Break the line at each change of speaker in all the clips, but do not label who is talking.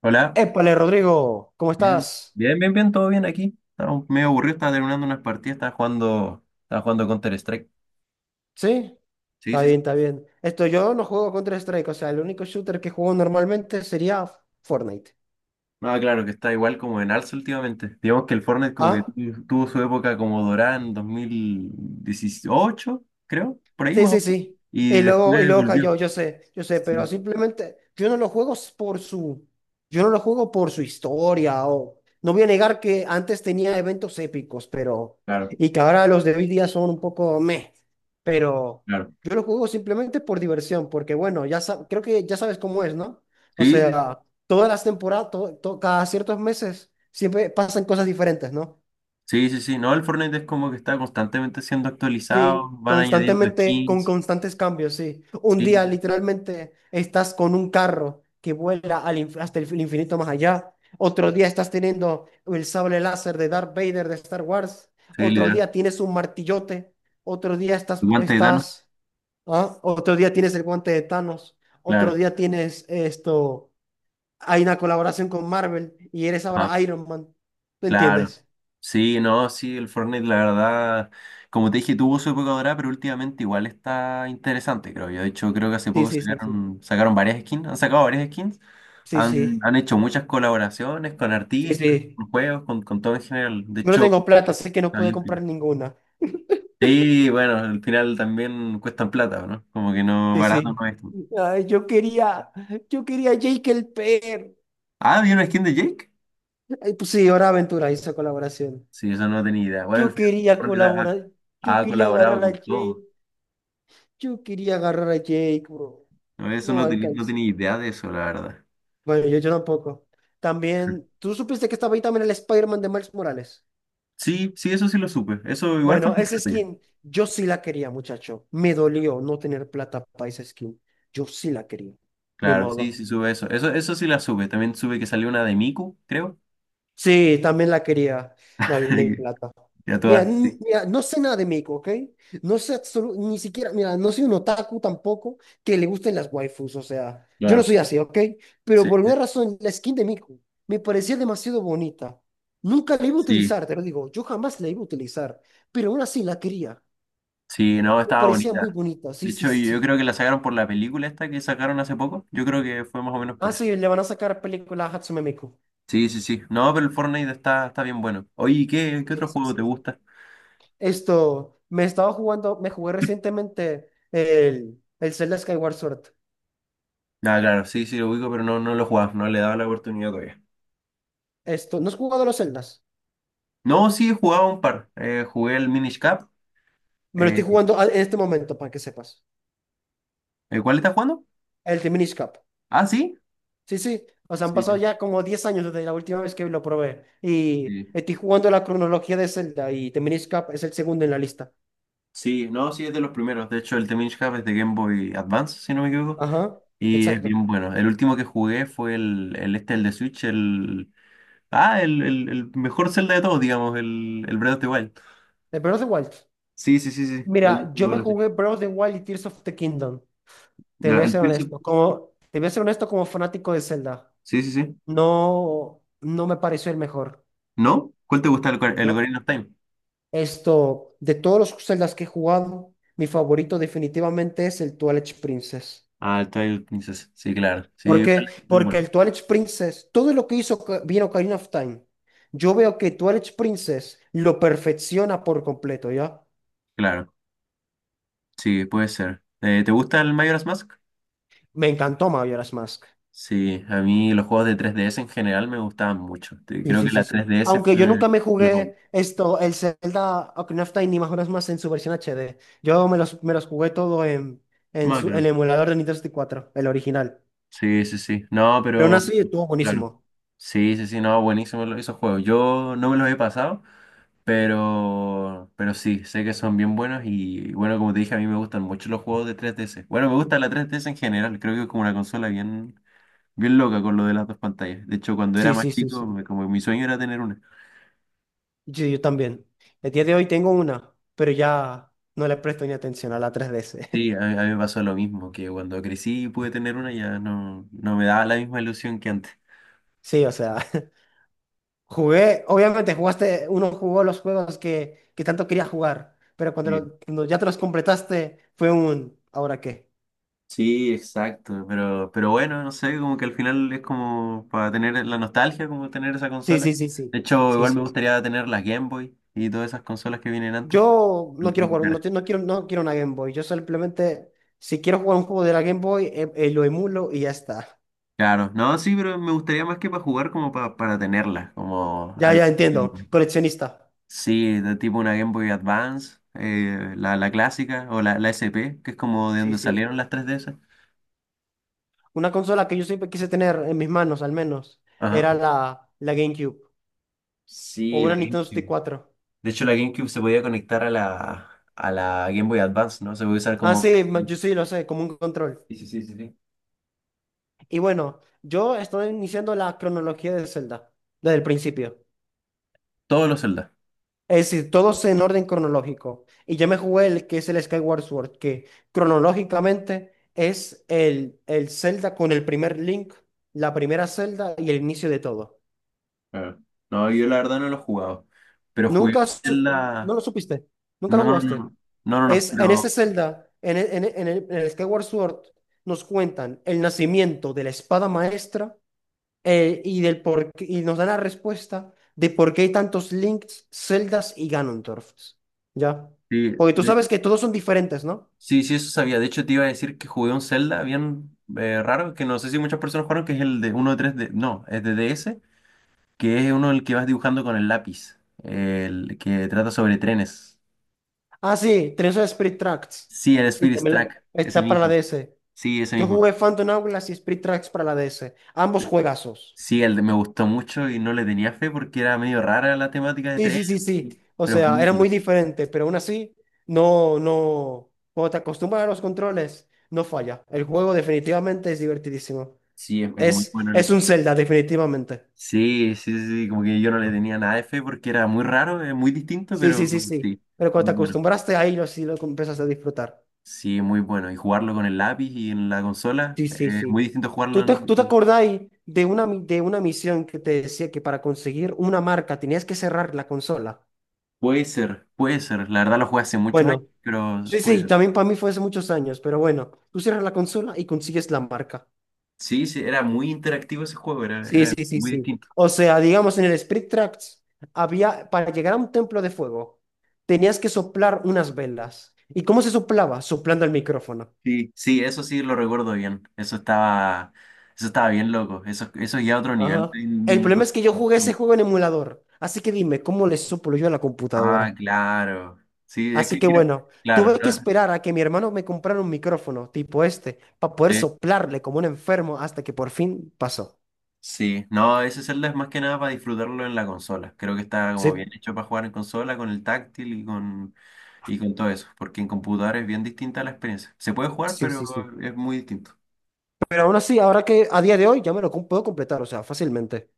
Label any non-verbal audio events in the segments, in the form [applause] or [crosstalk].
Hola,
Épale, Rodrigo, ¿cómo
bien,
estás?
bien, todo bien aquí. Estaba medio aburrido, estaba terminando unas partidas, estaba jugando Counter-Strike.
¿Sí?
Sí,
Está
sí, sí.
bien, está bien. Esto yo no juego Counter-Strike, o sea, el único shooter que juego normalmente sería Fortnite.
No, claro, que está igual como en alza últimamente. Digamos que el Fortnite como que
¿Ah?
tuvo su época como dorada en 2018, creo, por ahí
Sí,
más o
sí,
menos.
sí.
Y
Y
después
luego
volvió.
cayó, yo sé, pero
Sí,
simplemente yo no lo juego s- por su, yo no lo juego por su historia o no voy a negar que antes tenía eventos épicos, pero
claro,
y que ahora los de hoy día son un poco meh, pero
claro.
yo lo juego simplemente por diversión, porque bueno, creo que ya sabes cómo es, ¿no? O
Sí, sí,
sea, todas las temporadas, to- to- cada ciertos meses siempre pasan cosas diferentes, ¿no?
sí, sí, sí. No, el Fortnite es como que está constantemente siendo actualizado,
Sí,
van añadiendo
constantemente, con
skins.
constantes cambios, sí. Un
Sí,
día
sí,
literalmente estás con un carro que vuela hasta el infinito más allá. Otro día estás teniendo el sable láser de Darth Vader de Star Wars.
sí,
Otro
literal.
día tienes un martillote. Otro día
Guante de Thanos,
¿ah? Otro día tienes el guante de Thanos.
claro.
Otro día tienes esto. Hay una colaboración con Marvel y eres ahora Iron Man. ¿Tú
Claro.
entiendes?
Sí, no, sí, el Fortnite, la verdad, como te dije, tuvo su época dorada, pero últimamente igual está interesante, creo yo. De hecho, creo que hace
Sí,
poco
sí, sí, sí.
sacaron varias skins, han sacado varias skins,
Sí, sí.
han hecho muchas colaboraciones con
Sí,
artistas,
sí.
con juegos, con todo en general. De
No
hecho,
tengo plata, así que no
está
pude
bien
comprar
piola.
ninguna.
Sí, bueno, al final también cuestan plata, ¿no? Como que no,
Sí,
barato
sí.
no es.
Ay, yo quería, yo quería Jake el Per.
Ah, ¿vi una skin de Jake?
Ay, pues sí, ahora Aventura hizo colaboración.
Sí, eso no tenía idea. Bueno, al
Yo
final
quería
Fortnite
colaborar, yo
ha
quería
colaborado
agarrar a
con todo.
Jake, yo quería agarrar a Jake, bro.
No, eso
No
no tenía, no
alcancé.
tenía idea de eso, la verdad.
Bueno, yo tampoco. También, ¿tú supiste que estaba ahí también el Spider-Man de Miles Morales?
Sí, sí, eso sí lo supe. Eso igual fue
Bueno, esa
importante.
skin, yo sí la quería, muchacho. Me dolió no tener plata para esa skin. Yo sí la quería. Ni
Claro, sí,
modo.
sí sube eso. Eso sí la supe. También sube que salió una de Miku, creo.
Sí, también la quería, Navina y
[laughs]
Plata.
Ya todas, sí.
Mira, no sé nada de México, ¿ok? Ni siquiera, mira, no soy un otaku tampoco que le gusten las waifus, o sea, yo no
Claro.
soy así, ¿ok? Pero
Sí,
por
sí,
alguna razón, la skin de Miku me parecía demasiado bonita. Nunca la iba a
sí,
utilizar, te lo digo, yo jamás la iba a utilizar, pero aún así la quería.
sí, no,
Me
estaba
parecía muy
bonita.
bonita,
De
sí, sí,
hecho, yo
sí.
creo que la sacaron por la película esta que sacaron hace poco. Yo creo que fue más o menos
Ah,
por eso.
sí, le van a sacar película a Hatsume Miku.
Sí, sí, sí. No, pero el Fortnite está bien bueno. Oye, ¿ qué
Sí,
otro
sí,
juego te
sí.
gusta?
Esto, me estaba jugando, me jugué recientemente el Zelda Skyward Sword.
Ah, claro, sí, sí lo ubico, pero no, no lo he jugado, no le he dado la oportunidad todavía.
¿No has jugado los Zeldas?
No, sí, he jugado un par. Jugué el Minish Cap.
Me lo
Eh,
estoy jugando al- en este momento, para que sepas.
¿Cuál estás jugando?
El The Minish Cap.
Ah, sí.
Sí, sí. O sea, han
Sí,
pasado
sí.
ya como 10 años desde la última vez que lo probé. Y
Sí,
estoy jugando la cronología de Zelda y The Minish Cap es el segundo en la lista.
sí, no, sí, es de los primeros. De hecho, el The Minish Cap es de Game Boy Advance, si no me equivoco.
Ajá,
Y es
exacto.
bien bueno. El último que jugué fue el de Switch, el. Ah, el mejor Zelda de todos, digamos, el Breath of the Wild.
El Breath of the Wild.
Sí, sí, sí, sí. Lo dije,
Mira, yo me
lo dije.
jugué Breath of the Wild y Tears of the Kingdom. Te
Ya,
voy a ser honesto. Como, te voy a ser honesto como fanático de Zelda.
Sí, sí, sí.
No me pareció el mejor.
¿No? ¿Cuál te gusta el
No.
Ocarina of Time?
De todos los Zeldas que he jugado, mi favorito definitivamente es el Twilight Princess.
Ah, el Twilight Princess. Sí, claro. Sí,
¿Por qué?
vale, bien
Porque
bueno.
el Twilight Princess, todo lo que hizo Oca- bien Ocarina of Time, yo veo que Twilight Princess lo perfecciona por completo, ¿ya?
Claro. Sí, puede ser. ¿Te gusta el Majora's Mask?
Me encantó Majora's Mask.
Sí, a mí los juegos de 3DS en general me gustaban mucho.
Sí,
Creo que
sí, sí,
la
sí.
3DS fue
Aunque yo
el-
nunca me
los juegos.
jugué el Zelda Ocarina of Time, ni más horas más en su versión HD. Me los jugué todo en su, el
Macro.
emulador de Nintendo 64, el original.
Sí, sí, sí. No,
Pero aún
pero
así estuvo
claro.
buenísimo.
Sí, sí, sí, no, buenísimo esos juegos. Yo no me los he pasado, pero sí, sé que son bien buenos y bueno, como te dije, a mí me gustan mucho los juegos de 3DS. Bueno, me gusta la 3DS en general, creo que es como una consola bien loca con lo de las dos pantallas. De hecho, cuando era
Sí,
más
sí, sí, sí.
chico, como mi sueño era tener una.
Yo también. El día de hoy tengo una, pero ya no le presto ni atención a la 3DS. [laughs]
Sí, a mí me pasó lo mismo, que cuando crecí y pude tener una ya no, no me daba la misma ilusión que antes.
Sí, o sea, [laughs] jugué, obviamente jugaste, uno jugó los juegos que tanto quería jugar, pero
Sí,
cuando ya te los completaste fue un, ¿ahora qué?
sí, exacto, pero bueno, no sé, como que al final es como para tener la nostalgia, como tener esa
Sí,
consola.
sí, sí,
De
sí.
hecho,
Sí,
igual me
sí.
gustaría tener las Game Boy y todas esas consolas que vienen antes.
Yo no quiero jugar, no quiero, no quiero una Game Boy. Yo simplemente, si quiero jugar un juego de la Game Boy, lo emulo y ya está.
Claro, no, sí, pero me gustaría más que para jugar, como para tenerlas, como
Ya,
al...
ya entiendo. Coleccionista.
Sí, de tipo una Game Boy Advance, la clásica o la SP, que es como de
Sí,
donde
sí.
salieron las tres de esas.
Una consola que yo siempre quise tener en mis manos, al menos,
Ajá.
era la GameCube o
Sí, la
una Nintendo
GameCube.
64.
De hecho, la GameCube se podía conectar a a la Game Boy Advance, ¿no? Se podía usar
Ah,
como...
sí, yo sí lo sé, como un control.
Sí, sí, sí, sí, sí.
Y bueno, yo estoy iniciando la cronología de Zelda desde el principio.
Todos los Zelda.
Es decir, todos en orden cronológico. Y yo me jugué el que es el Skyward Sword, que cronológicamente es el Zelda con el primer Link, la primera Zelda y el inicio de todo.
Claro. No, yo la verdad no lo he jugado. Pero jugué un
Nunca, su-
Zelda...
no lo supiste, nunca lo
No, no,
jugaste.
no, no, no, no,
Es en ese
pero...
Zelda, en el Skyward Sword, nos cuentan el nacimiento de la espada maestra del y nos da la respuesta de por qué hay tantos Links, Zeldas y Ganondorfs. ¿Ya?
Sí,
Porque tú
de-
sabes que todos son diferentes, ¿no?
sí, sí, eso sabía. De hecho, te iba a decir que jugué un Zelda bien raro, que no sé si muchas personas jugaron, que es el de uno de tres d No, es de DS, que es uno el que vas dibujando con el lápiz, el que trata sobre trenes.
Ah, sí, tenés el Spirit Tracks.
Sí, el
Sí,
Spirit
también la-
Track, es el
está para la
mismo.
DS.
Sí, ese
Yo
mismo.
jugué Phantom Hourglass y Spirit Tracks para la DS. Ambos juegazos.
Sí, el de me gustó mucho y no le tenía fe porque era medio rara la temática de
Sí,
tren,
sí, sí, sí. O
pero es
sea,
muy
era
bueno.
muy diferente, pero aún así, no. Cuando te acostumbras a los controles, no falla. El juego definitivamente es divertidísimo.
Sí, es muy bueno el
Es un
espectáculo.
Zelda, definitivamente.
Sí, sí, sí, sí, como que yo no le tenía nada de fe porque era muy raro, es muy distinto,
Sí, sí,
pero
sí, sí.
sí,
Pero cuando
muy
te
bueno.
acostumbraste ahí, sí lo empezaste a disfrutar.
Sí, muy bueno. Y jugarlo con el lápiz y en la consola,
Sí, sí,
es muy
sí.
distinto jugarlo
¿ tú te
en...
acordás de de una misión que te decía que para conseguir una marca tenías que cerrar la consola?
Puede ser, puede ser. La verdad lo jugué hace muchos años,
Bueno,
pero
sí,
puede
sí,
ser.
también para mí fue hace muchos años, pero bueno, tú cierras la consola y consigues la marca.
Sí, sí, era muy interactivo ese juego,
Sí,
era
sí, sí,
muy
sí.
distinto.
O sea, digamos, en el Spirit Tracks había, para llegar a un templo de fuego, tenías que soplar unas velas. ¿Y cómo se soplaba? Soplando el micrófono.
Sí, sí, eso sí lo recuerdo bien. Eso estaba bien loco. Eso ya otro nivel
Ajá.
de
El problema es que yo
innovación.
jugué ese juego en emulador, así que dime, ¿cómo le soplo yo a la
Ah,
computadora?
claro. Sí, es
Así
que
que
creo-
bueno,
claro,
tuve que
¿no?
esperar a que mi hermano me comprara un micrófono tipo este, para poder
Sí,
soplarle como un enfermo hasta que por fin pasó.
sí. No, ese celda es más que nada para disfrutarlo en la consola. Creo que está
Sí,
como bien hecho para jugar en consola, con el táctil y con todo eso. Porque en computador es bien distinta la experiencia. Se puede jugar,
sí,
pero
sí, sí.
es muy distinto.
Pero aún así, ahora que a día de hoy ya puedo completar, o sea, fácilmente.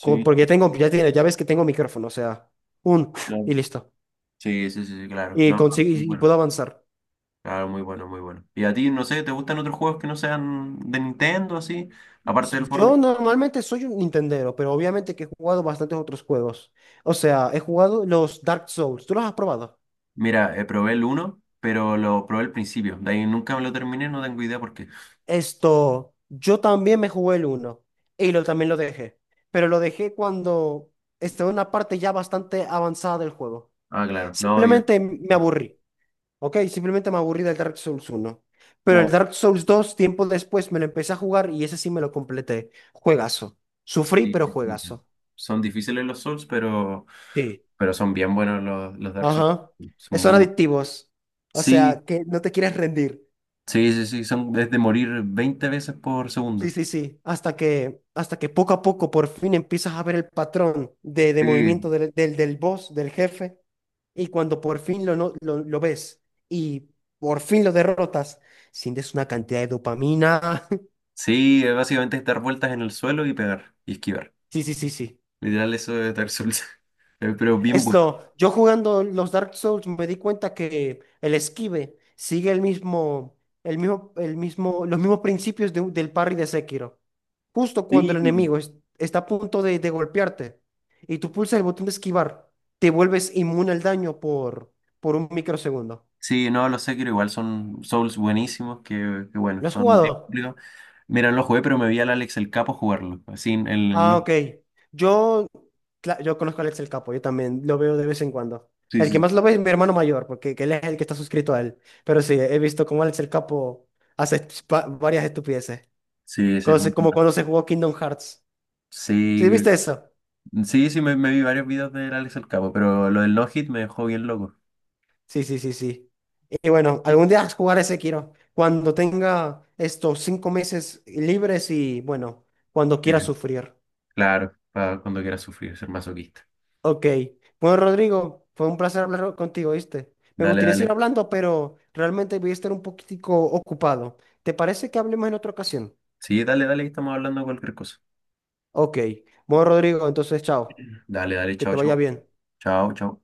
Porque tengo, ya ves que tengo micrófono, o sea, un [laughs]
claro.
y listo.
Sí, sí, sí, sí, claro. No, no, muy
Y
bueno.
puedo avanzar.
Claro, muy bueno, muy bueno. ¿Y a ti, no sé, te gustan otros juegos que no sean de Nintendo, así? Aparte
Sí,
del
yo
Fortnite.
normalmente soy un Nintendero, pero obviamente que he jugado bastantes otros juegos. O sea, he jugado los Dark Souls. ¿Tú los has probado?
Mira, probé el uno, pero lo probé al principio. De ahí nunca me lo terminé, no tengo idea por qué.
Yo también me jugué el uno y también lo dejé, pero lo dejé cuando estaba en una parte ya bastante avanzada del juego.
Ah, claro. No, yo...
Simplemente me aburrí, ¿ok? Simplemente me aburrí del Dark Souls uno. Pero el
Claro.
Dark Souls 2 tiempo después, me lo empecé a jugar y ese sí me lo completé. Juegazo.
Sí,
Sufrí, pero
sí, sí.
juegazo.
Son difíciles los Souls,
Sí.
pero son bien buenos los Dark Souls.
Ajá.
Son muy
Son
buenos.
adictivos. O
Sí,
sea, que no te quieres rendir.
sí, sí, sí, son es de morir 20 veces por
Sí,
segundo.
sí, sí. Hasta que poco a poco por fin empiezas a ver el patrón de
Sí.
movimiento del boss, del jefe. Y cuando por fin lo, no- lo ves y por fin lo derrotas, sientes una cantidad de dopamina. [laughs]
Sí, es básicamente es dar vueltas en el suelo y pegar y esquivar.
Sí, sí, sí, sí.
Literal, eso es Dark Souls. [laughs] Pero bien bueno.
Yo jugando los Dark Souls me di cuenta que el esquive sigue el mismo, los mismos principios de del parry de Sekiro. Justo cuando
Sí.
está a punto de golpearte y tú pulsas el botón de esquivar, te vuelves inmune al daño por un microsegundo.
Sí, no, los Sekiro igual son Souls buenísimos, que bueno,
¿Lo has
son bien
jugado?
complicados. Mira, no lo jugué, pero me vi al Alex el Capo jugarlo. Así,
Ah, ok. Yo yo conozco a Alex el Capo, yo también lo veo de vez en cuando.
sí,
El que
sí.
más lo ve es mi hermano mayor, porque que él es el que está suscrito a él. Pero sí, he visto cómo Alex el Capo hace varias estupideces.
Sí, sí, ese es
Como,
muy
como
bueno.
cuando se jugó Kingdom Hearts. ¿Sí
Sí,
viste eso?
sí, sí, me vi varios videos del Alex el Capo, pero lo del no-hit me dejó bien loco.
Sí, sí, sí, sí. Y bueno, algún día jugar ese quiero. Cuando tenga estos 5 meses libres y bueno, cuando quiera
Sí.
sufrir.
Claro, para cuando quieras sufrir, ser masoquista.
Ok. Bueno, Rodrigo, fue un placer hablar contigo, ¿viste? Me
Dale,
gustaría seguir
dale.
hablando, pero realmente voy a estar un poquitico ocupado. ¿Te parece que hablemos en otra ocasión?
Sí, dale, dale, estamos hablando de cualquier cosa.
Ok. Bueno, Rodrigo, entonces, chao.
Dale, dale,
Que
chao,
te vaya
chao.
bien.
Chao, chao.